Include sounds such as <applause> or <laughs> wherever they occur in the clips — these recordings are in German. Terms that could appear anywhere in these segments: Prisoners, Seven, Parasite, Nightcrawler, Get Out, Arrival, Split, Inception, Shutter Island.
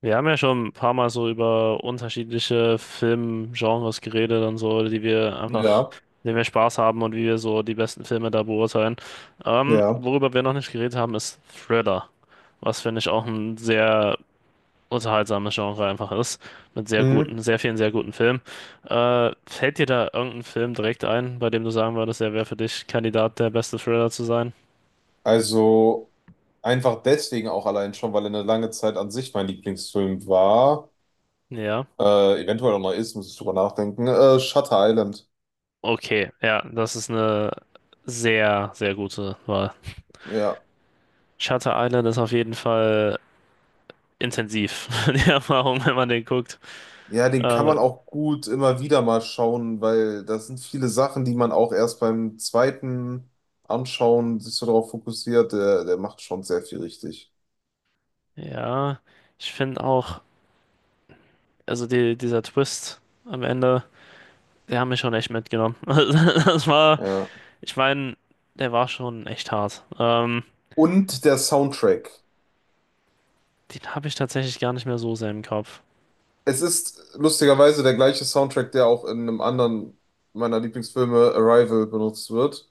Wir haben ja schon ein paar Mal so über unterschiedliche Filmgenres geredet und so, die wir einfach, Ja, denen wir Spaß haben und wie wir so die besten Filme da beurteilen. Ja. Worüber wir noch nicht geredet haben, ist Thriller, was finde ich auch ein sehr unterhaltsames Genre einfach ist, mit sehr Mhm. guten, sehr vielen sehr guten Filmen. Fällt dir da irgendein Film direkt ein, bei dem du sagen würdest, der wäre für dich Kandidat, der beste Thriller zu sein? Also einfach deswegen auch allein schon, weil er eine lange Zeit an sich mein Lieblingsfilm war, Ja. Eventuell auch noch ist, muss ich drüber nachdenken, Shutter Island. Okay, ja, das ist eine sehr, sehr gute Wahl. Ja. Shutter Island ist auf jeden Fall intensiv, <laughs> die Erfahrung, wenn man den guckt. Ja, den kann Aber man auch gut immer wieder mal schauen, weil das sind viele Sachen, die man auch erst beim zweiten Anschauen sich so darauf fokussiert. Der macht schon sehr viel richtig. ja, ich finde auch, also dieser Twist am Ende, der hat mich schon echt mitgenommen. <laughs> Das war, Ja. ich meine, der war schon echt hart. Und der Soundtrack. Den habe ich tatsächlich gar nicht mehr so sehr im Kopf. Es ist lustigerweise der gleiche Soundtrack, der auch in einem anderen meiner Lieblingsfilme Arrival benutzt wird,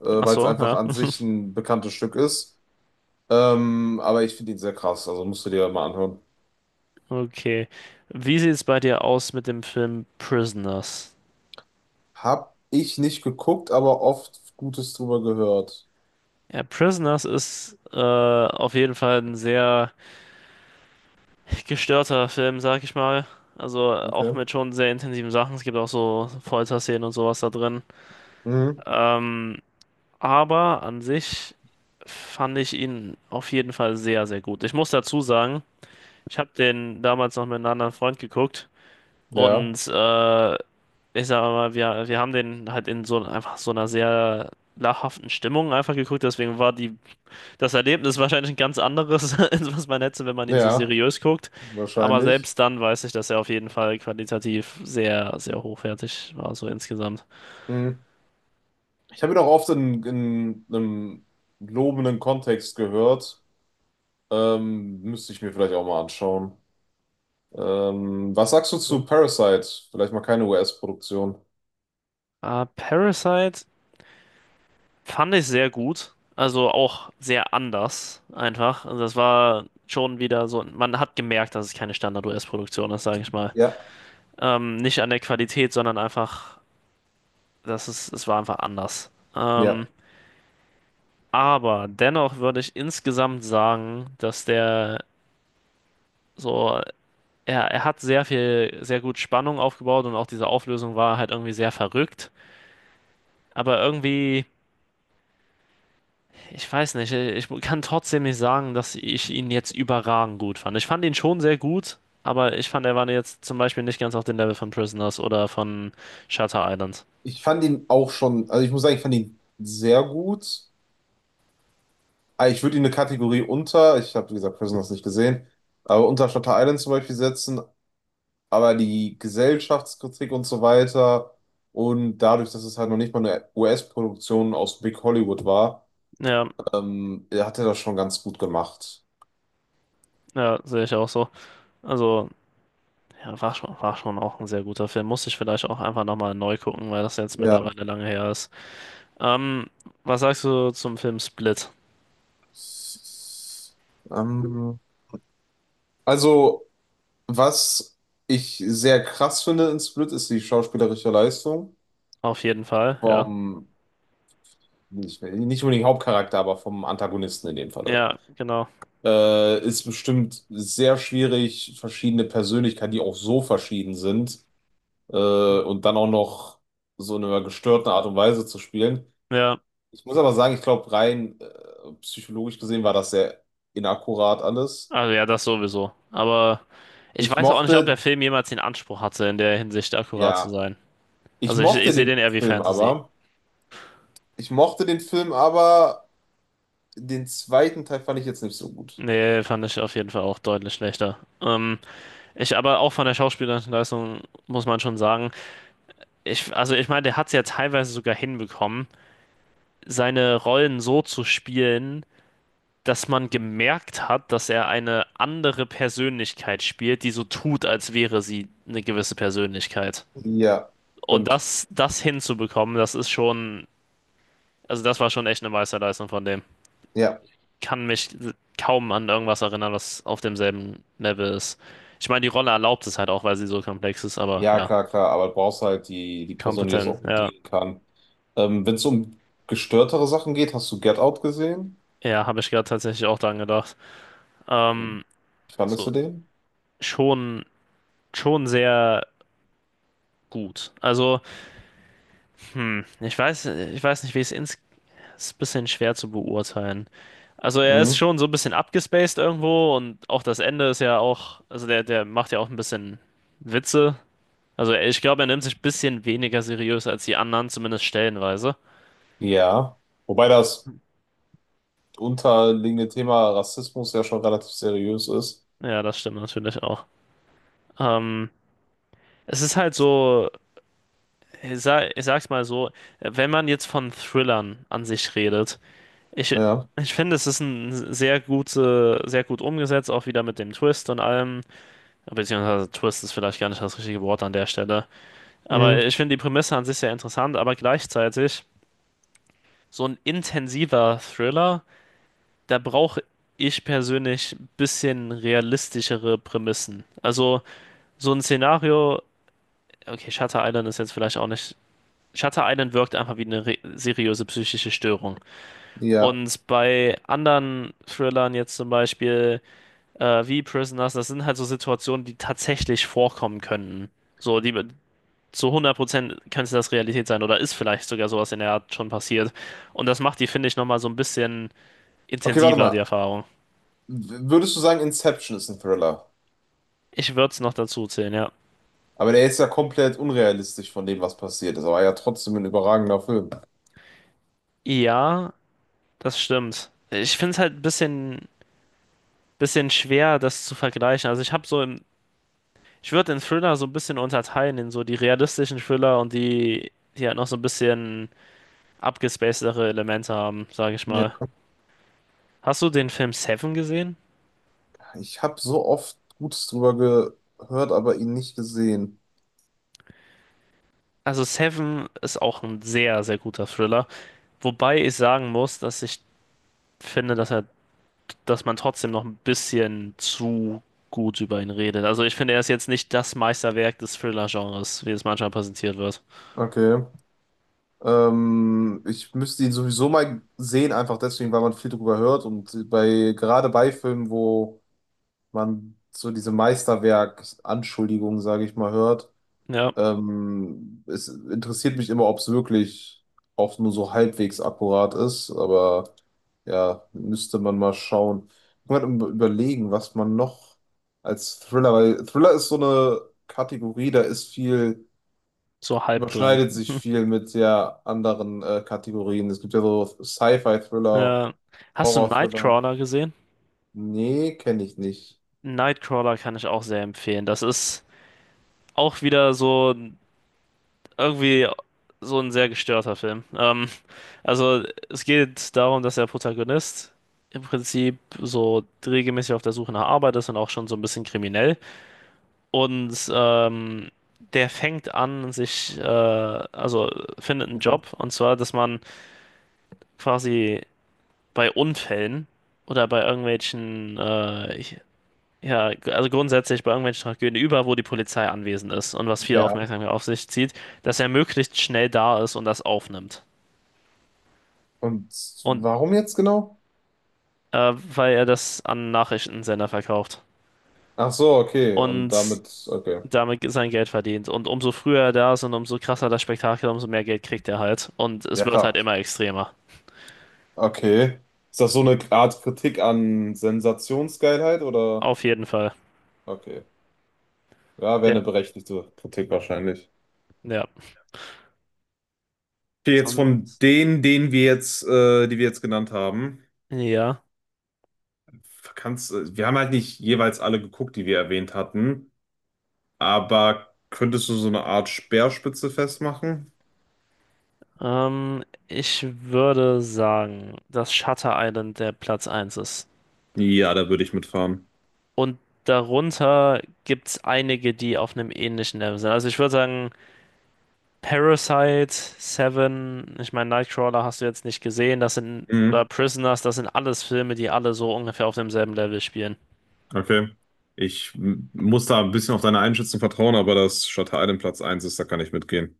Ach weil es so, einfach ja. an <laughs> sich ein bekanntes Stück ist. Aber ich finde ihn sehr krass, also musst du dir mal anhören. Okay. Wie sieht es bei dir aus mit dem Film Prisoners? Hab ich nicht geguckt, aber oft Gutes drüber gehört. Ja, Prisoners ist auf jeden Fall ein sehr gestörter Film, sag ich mal. Also auch Okay. mit schon sehr intensiven Sachen. Es gibt auch so Folterszenen und sowas da drin. Mhm. Ähm, aber an sich fand ich ihn auf jeden Fall sehr, sehr gut. Ich muss dazu sagen, ich habe den damals noch mit einem anderen Freund geguckt Ja, und ich sag mal, wir haben den halt in so einfach so einer sehr lachhaften Stimmung einfach geguckt. Deswegen war die das Erlebnis ist wahrscheinlich ein ganz anderes, <laughs> als was man hätte, wenn man ihn so ja, seriös guckt. Aber wahrscheinlich. selbst dann weiß ich, dass er auf jeden Fall qualitativ sehr, sehr hochwertig war, so insgesamt. Mhm. Ich habe ihn auch oft in einem lobenden Kontext gehört. Müsste ich mir vielleicht auch mal anschauen. Was sagst du Mhm. zu Parasite? Vielleicht mal keine US-Produktion. Parasite fand ich sehr gut. Also auch sehr anders, einfach. Also das war schon wieder so, man hat gemerkt, dass es keine Standard-US-Produktion ist, sage ich mal. Ja, Nicht an der Qualität, sondern einfach, es war einfach anders. Ja. Aber dennoch würde ich insgesamt sagen, So, er hat sehr viel, sehr gut Spannung aufgebaut und auch diese Auflösung war halt irgendwie sehr verrückt. Aber irgendwie, ich weiß nicht, ich kann trotzdem nicht sagen, dass ich ihn jetzt überragend gut fand. Ich fand ihn schon sehr gut, aber ich fand, er war jetzt zum Beispiel nicht ganz auf dem Level von Prisoners oder von Shutter Island. Ich fand ihn auch schon, also ich muss sagen, ich fand ihn sehr gut. Ah, ich würde ihn eine Kategorie unter, ich habe wie gesagt Prisoners nicht gesehen, aber unter Shutter Island zum Beispiel setzen, aber die Gesellschaftskritik und so weiter und dadurch, dass es halt noch nicht mal eine US-Produktion aus Big Hollywood war, Ja, hat er das schon ganz gut gemacht. ja, sehe ich auch so. Also, ja, war schon auch ein sehr guter Film. Musste ich vielleicht auch einfach nochmal neu gucken, weil das jetzt Ja. mittlerweile lange her ist. Ähm, Was sagst du zum Film Split? Ähm, also Was ich sehr krass finde in Split ist die schauspielerische Leistung Auf jeden Fall, ja. vom, nicht, nicht unbedingt Hauptcharakter, aber vom Antagonisten in dem Falle. Ja, genau. Ist bestimmt sehr schwierig, verschiedene Persönlichkeiten, die auch so verschieden sind, äh, und dann auch noch so in einer gestörten Art und Weise zu spielen. Ja, Ich muss aber sagen, ich glaube, rein, psychologisch gesehen war das sehr inakkurat alles. also ja, das sowieso. Aber ich Ich weiß auch nicht, ob der mochte, Film jemals den Anspruch hatte, in der Hinsicht akkurat zu ja, sein. ich Also ich mochte sehe den den eher wie Film Fantasy. aber. Ich mochte den Film aber Den zweiten Teil fand ich jetzt nicht so gut. Nee, fand ich auf jeden Fall auch deutlich schlechter. Ich aber auch von der schauspielerischen Leistung muss man schon sagen, ich, also ich meine, der hat es ja teilweise sogar hinbekommen, seine Rollen so zu spielen, dass man gemerkt hat, dass er eine andere Persönlichkeit spielt, die so tut, als wäre sie eine gewisse Persönlichkeit. Ja, Und stimmt. Das hinzubekommen, das ist schon, also das war schon echt eine Meisterleistung von dem. Ja, Kann mich kaum an irgendwas erinnern, was auf demselben Level ist. Ich meine, die Rolle erlaubt es halt auch, weil sie so komplex ist, aber ja, ja, klar, klar. Aber du brauchst halt die Person, die das kompetent. auch Ja, bedienen kann. Wenn es um gestörtere Sachen geht, hast du Get Out gesehen? ja, habe ich gerade tatsächlich auch dran gedacht. Wie Ähm, fandest du so, den? schon, schon sehr gut. Also, hm, ich weiß nicht, wie ich es ist ein bisschen schwer zu beurteilen. Also er ist Mhm. schon so ein bisschen abgespaced irgendwo und auch das Ende ist ja auch, also der macht ja auch ein bisschen Witze. Also ich glaube, er nimmt sich ein bisschen weniger seriös als die anderen, zumindest stellenweise. Ja. Wobei das unterliegende Thema Rassismus ja schon relativ seriös ist. Ja, das stimmt natürlich auch. Ähm, Es ist halt so, ich sag's mal so, wenn man jetzt von Thrillern an sich redet, ich, Ja. ich finde, es ist ein sehr gute, sehr gut umgesetzt, auch wieder mit dem Twist und allem. Beziehungsweise Twist ist vielleicht gar nicht das richtige Wort an der Stelle. Aber Mhm. ich finde die Prämisse an sich sehr interessant, aber gleichzeitig so ein intensiver Thriller, da brauche ich persönlich ein bisschen realistischere Prämissen. Also so ein Szenario, okay, Shutter Island ist jetzt vielleicht auch nicht. Shutter Island wirkt einfach wie eine re seriöse psychische Störung. Ja. Und bei anderen Thrillern jetzt zum Beispiel wie Prisoners, das sind halt so Situationen, die tatsächlich vorkommen könnten. So, die, zu 100% könnte das Realität sein oder ist vielleicht sogar sowas in der Art schon passiert. Und das macht die, finde ich, nochmal so ein bisschen Okay, warte intensiver, die mal. Erfahrung. Würdest du sagen, Inception ist ein Thriller? Ich würde es noch dazu zählen, ja. Aber der ist ja komplett unrealistisch von dem, was passiert ist. Aber ja, trotzdem ein überragender Film. Ja, das stimmt. Ich finde es halt ein bisschen, bisschen schwer, das zu vergleichen. Also ich habe so im, ich würde den Thriller so ein bisschen unterteilen in so die realistischen Thriller und die halt noch so ein bisschen abgespacedere Elemente haben, sage ich mal. Hast du den Film Seven gesehen? Ich habe so oft Gutes drüber gehört, aber ihn nicht gesehen. Also Seven ist auch ein sehr, sehr guter Thriller. Wobei ich sagen muss, dass ich finde, dass man trotzdem noch ein bisschen zu gut über ihn redet. Also ich finde, er ist jetzt nicht das Meisterwerk des Thriller-Genres, wie es manchmal präsentiert wird. Okay. Ich müsste ihn sowieso mal sehen, einfach deswegen, weil man viel drüber hört und bei gerade bei Filmen, wo man so diese Meisterwerk-Anschuldigungen, sage ich mal, hört. Ja, Es interessiert mich immer, ob es wirklich auch nur so halbwegs akkurat ist, aber ja, müsste man mal schauen. Ich muss mal überlegen, was man noch als Thriller, weil Thriller ist so eine Kategorie, da ist viel, so halb dran. überschneidet sich <laughs> viel mit der anderen Kategorien. Es gibt ja so Sci-Fi-Thriller, Ja. Hast du Horror-Thriller. Nightcrawler gesehen? Nee, kenne ich nicht. Nightcrawler kann ich auch sehr empfehlen. Das ist auch wieder so, irgendwie so ein sehr gestörter Film. Also es geht darum, dass der Protagonist im Prinzip so regelmäßig auf der Suche nach Arbeit ist und auch schon so ein bisschen kriminell. Und der fängt an, also findet einen Okay. Job, und zwar, dass man quasi bei Unfällen oder bei irgendwelchen ja, also grundsätzlich bei irgendwelchen Tragödien, über wo die Polizei anwesend ist und was viel Ja. Aufmerksamkeit auf sich zieht, dass er möglichst schnell da ist und das aufnimmt. Und Und warum jetzt genau? Weil er das an Nachrichtensender verkauft Ach so, okay. Und und damit, okay. damit sein Geld verdient. Und umso früher er da ist und umso krasser das Spektakel, umso mehr Geld kriegt er halt. Und es Ja, wird halt klar. immer extremer. Okay. Ist das so eine Art Kritik an Sensationsgeilheit oder? Auf jeden Fall. Okay. Ja, wäre Ja, eine berechtigte Kritik wahrscheinlich. ja. Okay, jetzt von Sonst, denen, die wir jetzt genannt haben, ja. Wir haben halt nicht jeweils alle geguckt, die wir erwähnt hatten, aber könntest du so eine Art Speerspitze festmachen? Ich würde sagen, dass Shutter Island der Platz eins ist. Ja, da würde ich mitfahren. Und darunter gibt es einige, die auf einem ähnlichen Level sind. Also ich würde sagen, Parasite, Seven, ich meine, Nightcrawler hast du jetzt nicht gesehen, das sind, oder Mhm. Prisoners, das sind alles Filme, die alle so ungefähr auf demselben Level spielen. Okay. Muss da ein bisschen auf deine Einschätzung vertrauen, aber dass Shutter Island Platz eins ist, da kann ich mitgehen.